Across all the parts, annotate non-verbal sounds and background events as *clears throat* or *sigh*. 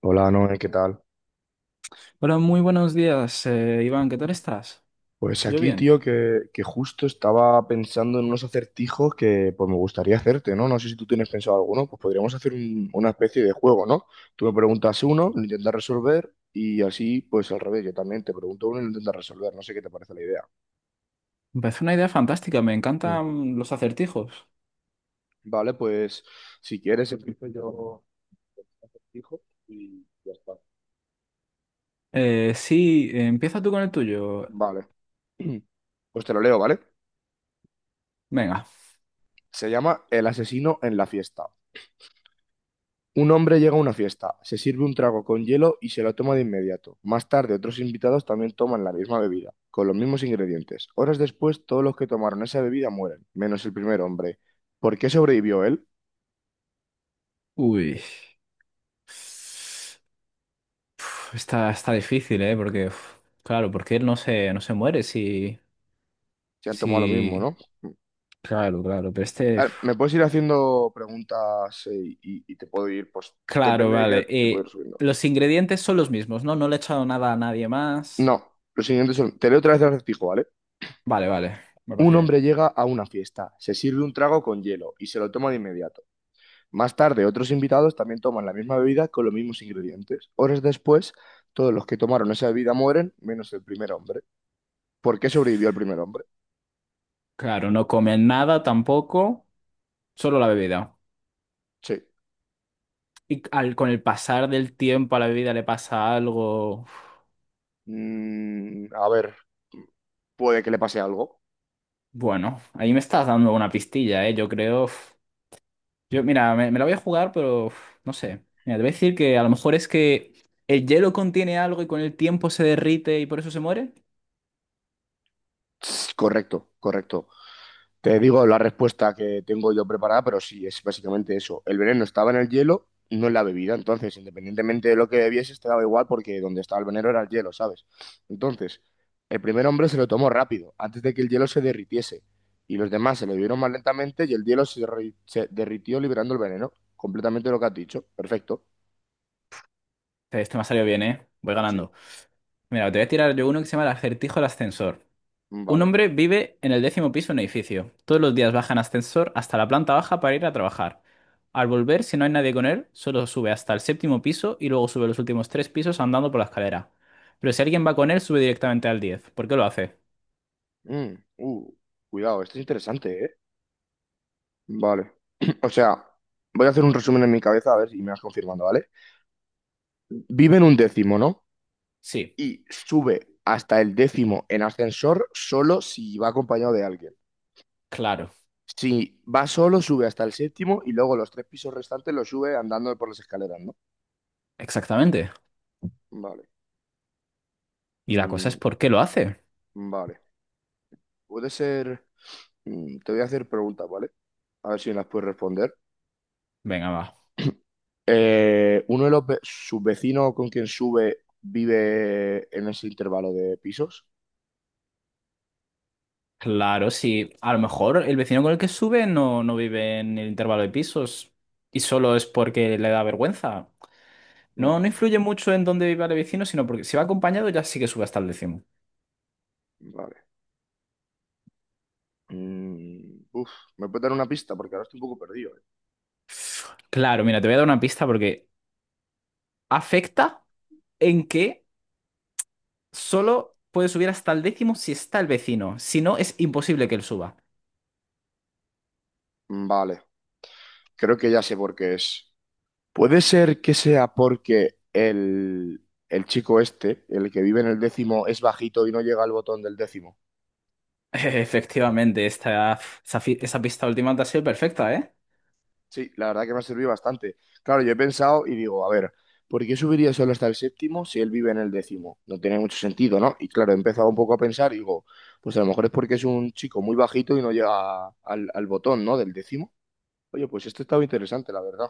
Hola, Noé, ¿qué tal? Hola, muy buenos días, Iván, ¿qué tal estás? Pues Yo aquí, bien. tío, que justo estaba pensando en unos acertijos que pues me gustaría hacerte, ¿no? No sé si tú tienes pensado alguno, pues podríamos hacer una especie de juego, ¿no? Tú me preguntas uno, lo intentas resolver y así, pues al revés, yo también te pregunto uno y lo intentas resolver, no sé qué te parece la idea. Me parece una idea fantástica, me Mm. encantan los acertijos. Vale, pues si quieres empiezo yo con un acertijo y ya está. Sí, empieza tú con el tuyo. Vale. *clears throat* Pues te lo leo, ¿vale? Venga. Se llama El asesino en la fiesta. Un hombre llega a una fiesta, se sirve un trago con hielo y se lo toma de inmediato. Más tarde, otros invitados también toman la misma bebida, con los mismos ingredientes. Horas después, todos los que tomaron esa bebida mueren, menos el primer hombre. ¿Por qué sobrevivió él? Uy. Uf, Está difícil, ¿eh? Porque, uf, claro, porque él no se muere si, Se han tomado lo mismo, si... ¿no? Claro, claro, pero este... A uf. ver, me puedes ir haciendo preguntas y te puedo ir, pues, Claro, depende de vale. qué, te puedo ir subiendo. Los ingredientes son los mismos, ¿no? No le he echado nada a nadie más. No, los siguientes son, te leo otra vez el acertijo, ¿vale? Vale, vale, me Un parece bien. hombre llega a una fiesta, se sirve un trago con hielo y se lo toma de inmediato. Más tarde, otros invitados también toman la misma bebida con los mismos ingredientes. Horas después, todos los que tomaron esa bebida mueren, menos el primer hombre. ¿Por qué sobrevivió el primer hombre? Claro, no comen nada tampoco, solo la bebida. Sí. Y al, con el pasar del tiempo a la bebida le pasa algo. Uf, A ver, puede que le pase algo. bueno, ahí me estás dando una pistilla, ¿eh? Yo creo. Yo, mira, me la voy a jugar, pero no sé. Mira, te voy a decir que a lo mejor es que el hielo contiene algo y con el tiempo se derrite y por eso se muere. Correcto, correcto. Te digo la respuesta que tengo yo preparada, pero sí, es básicamente eso. El veneno estaba en el hielo, no en la bebida. Entonces, independientemente de lo que bebieses, te daba igual porque donde estaba el veneno era el hielo, ¿sabes? Entonces, el primer hombre se lo tomó rápido, antes de que el hielo se derritiese. Y los demás se lo bebieron más lentamente y el hielo se derritió liberando el veneno. Completamente lo que has dicho. Perfecto. Este me ha salido bien, ¿eh? Voy Sí. ganando. Mira, te voy a tirar yo uno que se llama el acertijo del ascensor. Un Vale. hombre vive en el décimo piso de un edificio. Todos los días baja en ascensor hasta la planta baja para ir a trabajar. Al volver, si no hay nadie con él, solo sube hasta el séptimo piso y luego sube los últimos tres pisos andando por la escalera. Pero si alguien va con él, sube directamente al diez. ¿Por qué lo hace? Mm, uh, cuidado, esto es interesante, ¿eh? Vale. *clears throat* O sea, voy a hacer un resumen en mi cabeza a ver si me vas confirmando, ¿vale? Vive en un décimo, ¿no? Sí, Y sube hasta el décimo en ascensor solo si va acompañado de alguien. claro. Si va solo, sube hasta el séptimo y luego los tres pisos restantes los sube andando por las escaleras, ¿no? Exactamente. Vale. Y la cosa es, Mm, ¿por qué lo hace? vale. Puede ser... te voy a hacer preguntas, ¿vale? A ver si me las puedes responder. Venga, va. ¿Uno de los sus vecinos con quien sube vive en ese intervalo de pisos? Claro, sí. A lo mejor el vecino con el que sube no vive en el intervalo de pisos y solo es porque le da vergüenza. Mm, No, no influye mucho en dónde viva el vecino, sino porque si va acompañado ya sí que sube hasta el décimo. vale. Mm, uf, ¿Me puedes dar una pista? Porque ahora estoy un poco perdido, ¿eh? Claro, mira, te voy a dar una pista porque afecta en que solo puede subir hasta el décimo si está el vecino. Si no, es imposible que él suba. Vale, creo que ya sé por qué es. Puede ser que sea porque el chico este, el que vive en el décimo, es bajito y no llega al botón del décimo. *laughs* Efectivamente, esa pista última te ha sido perfecta, ¿eh? Sí, la verdad que me ha servido bastante. Claro, yo he pensado y digo, a ver, ¿por qué subiría solo hasta el séptimo si él vive en el décimo? No tiene mucho sentido, ¿no? Y claro, he empezado un poco a pensar y digo, pues a lo mejor es porque es un chico muy bajito y no llega al botón, ¿no? Del décimo. Oye, pues esto estaba interesante, la verdad.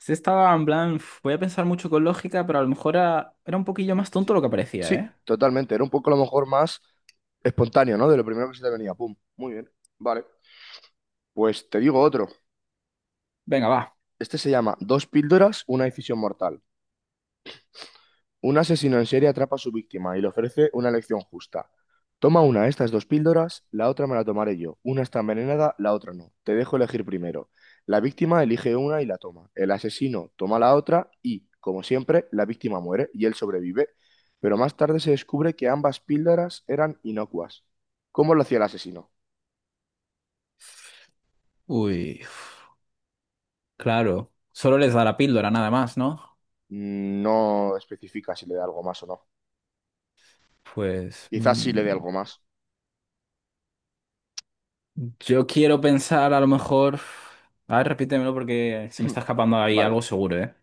Sí, estaba en plan, "Uf, voy a pensar mucho con lógica, pero a lo mejor era un poquillo más tonto Sí, lo que parecía", ¿eh? sí, totalmente. Era un poco a lo mejor más. Espontáneo, ¿no? De lo primero que se te venía. Pum. Muy bien. Vale. Pues te digo otro. Venga, va. Este se llama Dos píldoras, una decisión mortal. Un asesino en serie atrapa a su víctima y le ofrece una elección justa. Toma una de estas dos píldoras, la otra me la tomaré yo. Una está envenenada, la otra no. Te dejo elegir primero. La víctima elige una y la toma. El asesino toma la otra y, como siempre, la víctima muere y él sobrevive. Pero más tarde se descubre que ambas píldoras eran inocuas. ¿Cómo lo hacía el asesino? Uy, claro. Solo les da la píldora, nada más, ¿no? No especifica si le da algo más o no. Pues... Quizás sí le dé algo más. yo quiero pensar a lo mejor... A ver, repítemelo porque se me está escapando *clears throat* ahí Vale. algo seguro, ¿eh?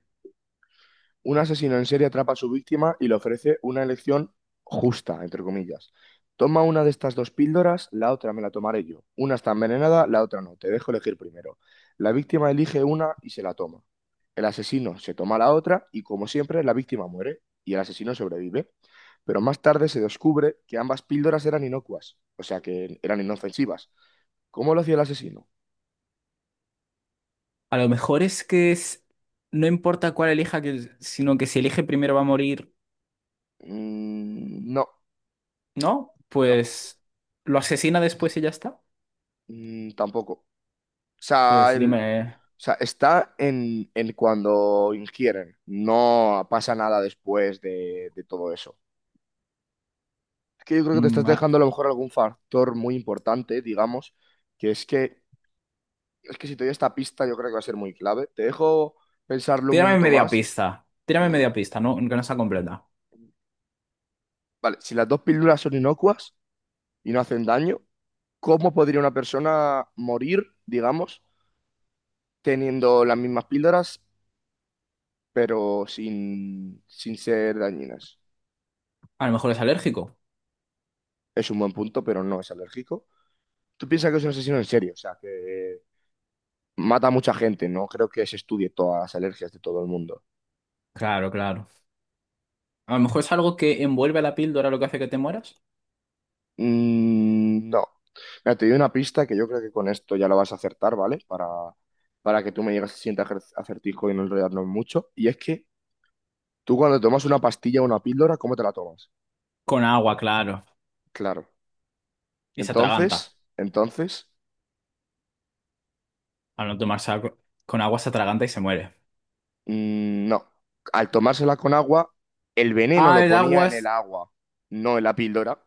Un asesino en serie atrapa a su víctima y le ofrece una elección justa, entre comillas. Toma una de estas dos píldoras, la otra me la tomaré yo. Una está envenenada, la otra no. Te dejo elegir primero. La víctima elige una y se la toma. El asesino se toma la otra y, como siempre, la víctima muere y el asesino sobrevive. Pero más tarde se descubre que ambas píldoras eran inocuas, o sea que eran inofensivas. ¿Cómo lo hacía el asesino? A lo mejor es que es... no importa cuál elija, que... sino que si elige primero va a morir, No, ¿no? no, Pues lo asesina después y ya está. Tampoco. O sea, Pues o dime... sea, está en cuando ingieren. No pasa nada después de todo eso. Es que yo creo que te estás mm, a- dejando a lo mejor algún factor muy importante, digamos, que es que es que si te doy esta pista yo creo que va a ser muy clave. Te dejo pensarlo un Tírame minuto media más. pista. Tírame Mm, media pista, ¿no? Que no está completa. vale, si las dos píldoras son inocuas y no hacen daño, ¿cómo podría una persona morir, digamos, teniendo las mismas píldoras? Pero sin ser dañinas. A lo mejor es alérgico. Es un buen punto, pero no es alérgico. Tú piensas que es un asesino en serio, o sea, que mata a mucha gente, no creo que se estudie todas las alergias de todo el mundo. Claro, claro. A lo mejor es algo que envuelve a la píldora lo que hace que te mueras. No. Mira, te doy una pista que yo creo que con esto ya lo vas a acertar, ¿vale? Para que tú me digas si sientes acertijo y no enredarnos mucho. Y es que tú cuando tomas una pastilla o una píldora, ¿cómo te la tomas? Con agua, claro. Claro. Y se atraganta. Entonces, Al no tomarse algo, con agua se atraganta y se muere. No, al tomársela con agua, el veneno Ah, lo el ponía en el aguas. agua, no en la píldora.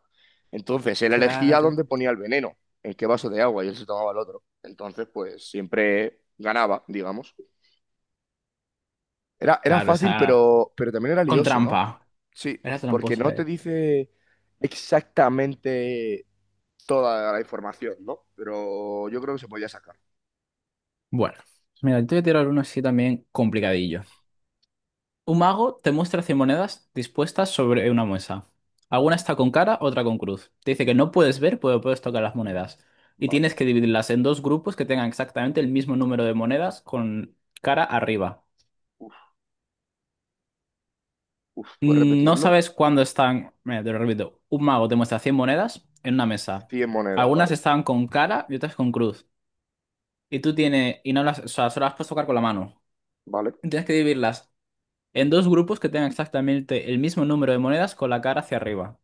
Entonces, él elegía Claro. dónde ponía el veneno, en qué vaso de agua, y él se tomaba el otro. Entonces, pues siempre ganaba, digamos. Era Claro, fácil, esa. Pero también era Con lioso, ¿no? trampa. Sí, Era porque no tramposa, te eh. dice exactamente toda la información, ¿no? Pero yo creo que se podía sacar. Bueno, pues mira, yo te voy a tirar uno así también complicadillo. Un mago te muestra 100 monedas dispuestas sobre una mesa. Ujú. Alguna está con cara, otra con cruz. Te dice que no puedes ver, pero puedes tocar las monedas. Y Vale. tienes que dividirlas en dos grupos que tengan exactamente el mismo número de monedas con cara arriba. Uf, uf, ¿puedes Mm, no repetirlo? sabes cuándo están. Mira, te lo repito. Un mago te muestra 100 monedas en una mesa. 100 monedas, Algunas vale. están con cara y otras con cruz. Y tú tienes, y no las, o sea, solo las puedes tocar con la mano. Vale. Tienes que dividirlas en dos grupos que tengan exactamente el mismo número de monedas con la cara hacia arriba.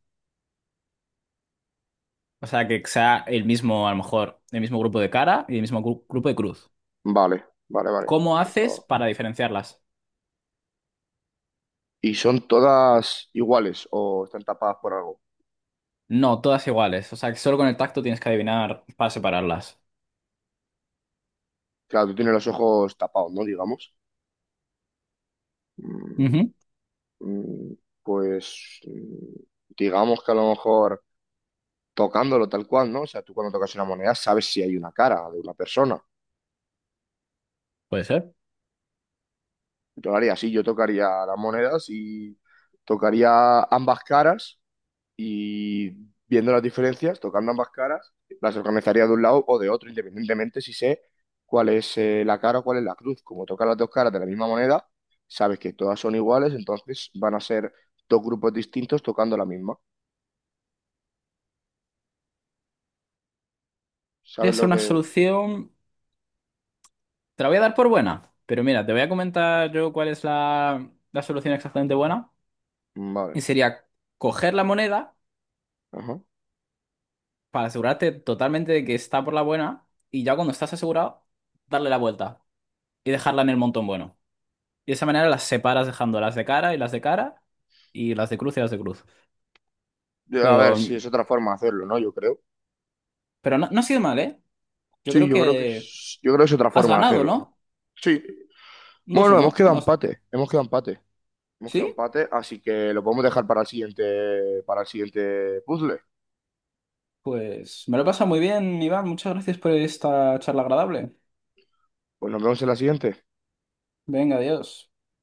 O sea, que sea el mismo, a lo mejor, el mismo grupo de cara y el mismo grupo de cruz. Vale. ¿Cómo Ya haces estaba. para diferenciarlas? ¿Y son todas iguales o están tapadas por algo? No, todas iguales. O sea, que solo con el tacto tienes que adivinar para separarlas. Claro, tú tienes los ojos tapados, ¿no? Digamos. Mm, Ujú, mm, Pues digamos que a lo mejor tocándolo tal cual, ¿no? O sea, tú cuando tocas una moneda sabes si hay una cara de una persona. puede ser. Yo lo haría así, yo tocaría las monedas y tocaría ambas caras y viendo las diferencias, tocando ambas caras, las organizaría de un lado o de otro, independientemente si sé cuál es la cara o cuál es la cruz. Como tocan las dos caras de la misma moneda, sabes que todas son iguales, entonces van a ser dos grupos distintos tocando la misma. Podría ¿Sabes ser lo una que...? solución. Te la voy a dar por buena. Pero mira, te voy a comentar yo cuál es la solución exactamente buena. Vale. Y sería coger la moneda Ajá. para asegurarte totalmente de que está por la buena y ya cuando estás asegurado, darle la vuelta y dejarla en el montón bueno. Y de esa manera las separas dejando las de cara y las de cara y las de cruz y las de cruz. A ver Pero, si es otra forma de hacerlo, ¿no? Yo creo. pero no, no ha sido mal, ¿eh? Yo Sí, creo yo creo que que es, yo creo que es otra has forma de ganado, hacerlo, ¿no? ¿no? Sí. Un Bueno, 2-1, ¿no? has- hemos quedado ¿Sí? empate, así que lo podemos dejar para el siguiente puzzle. Pues me lo he pasado muy bien, Iván. Muchas gracias por esta charla agradable. Pues nos vemos en la siguiente. Venga, adiós.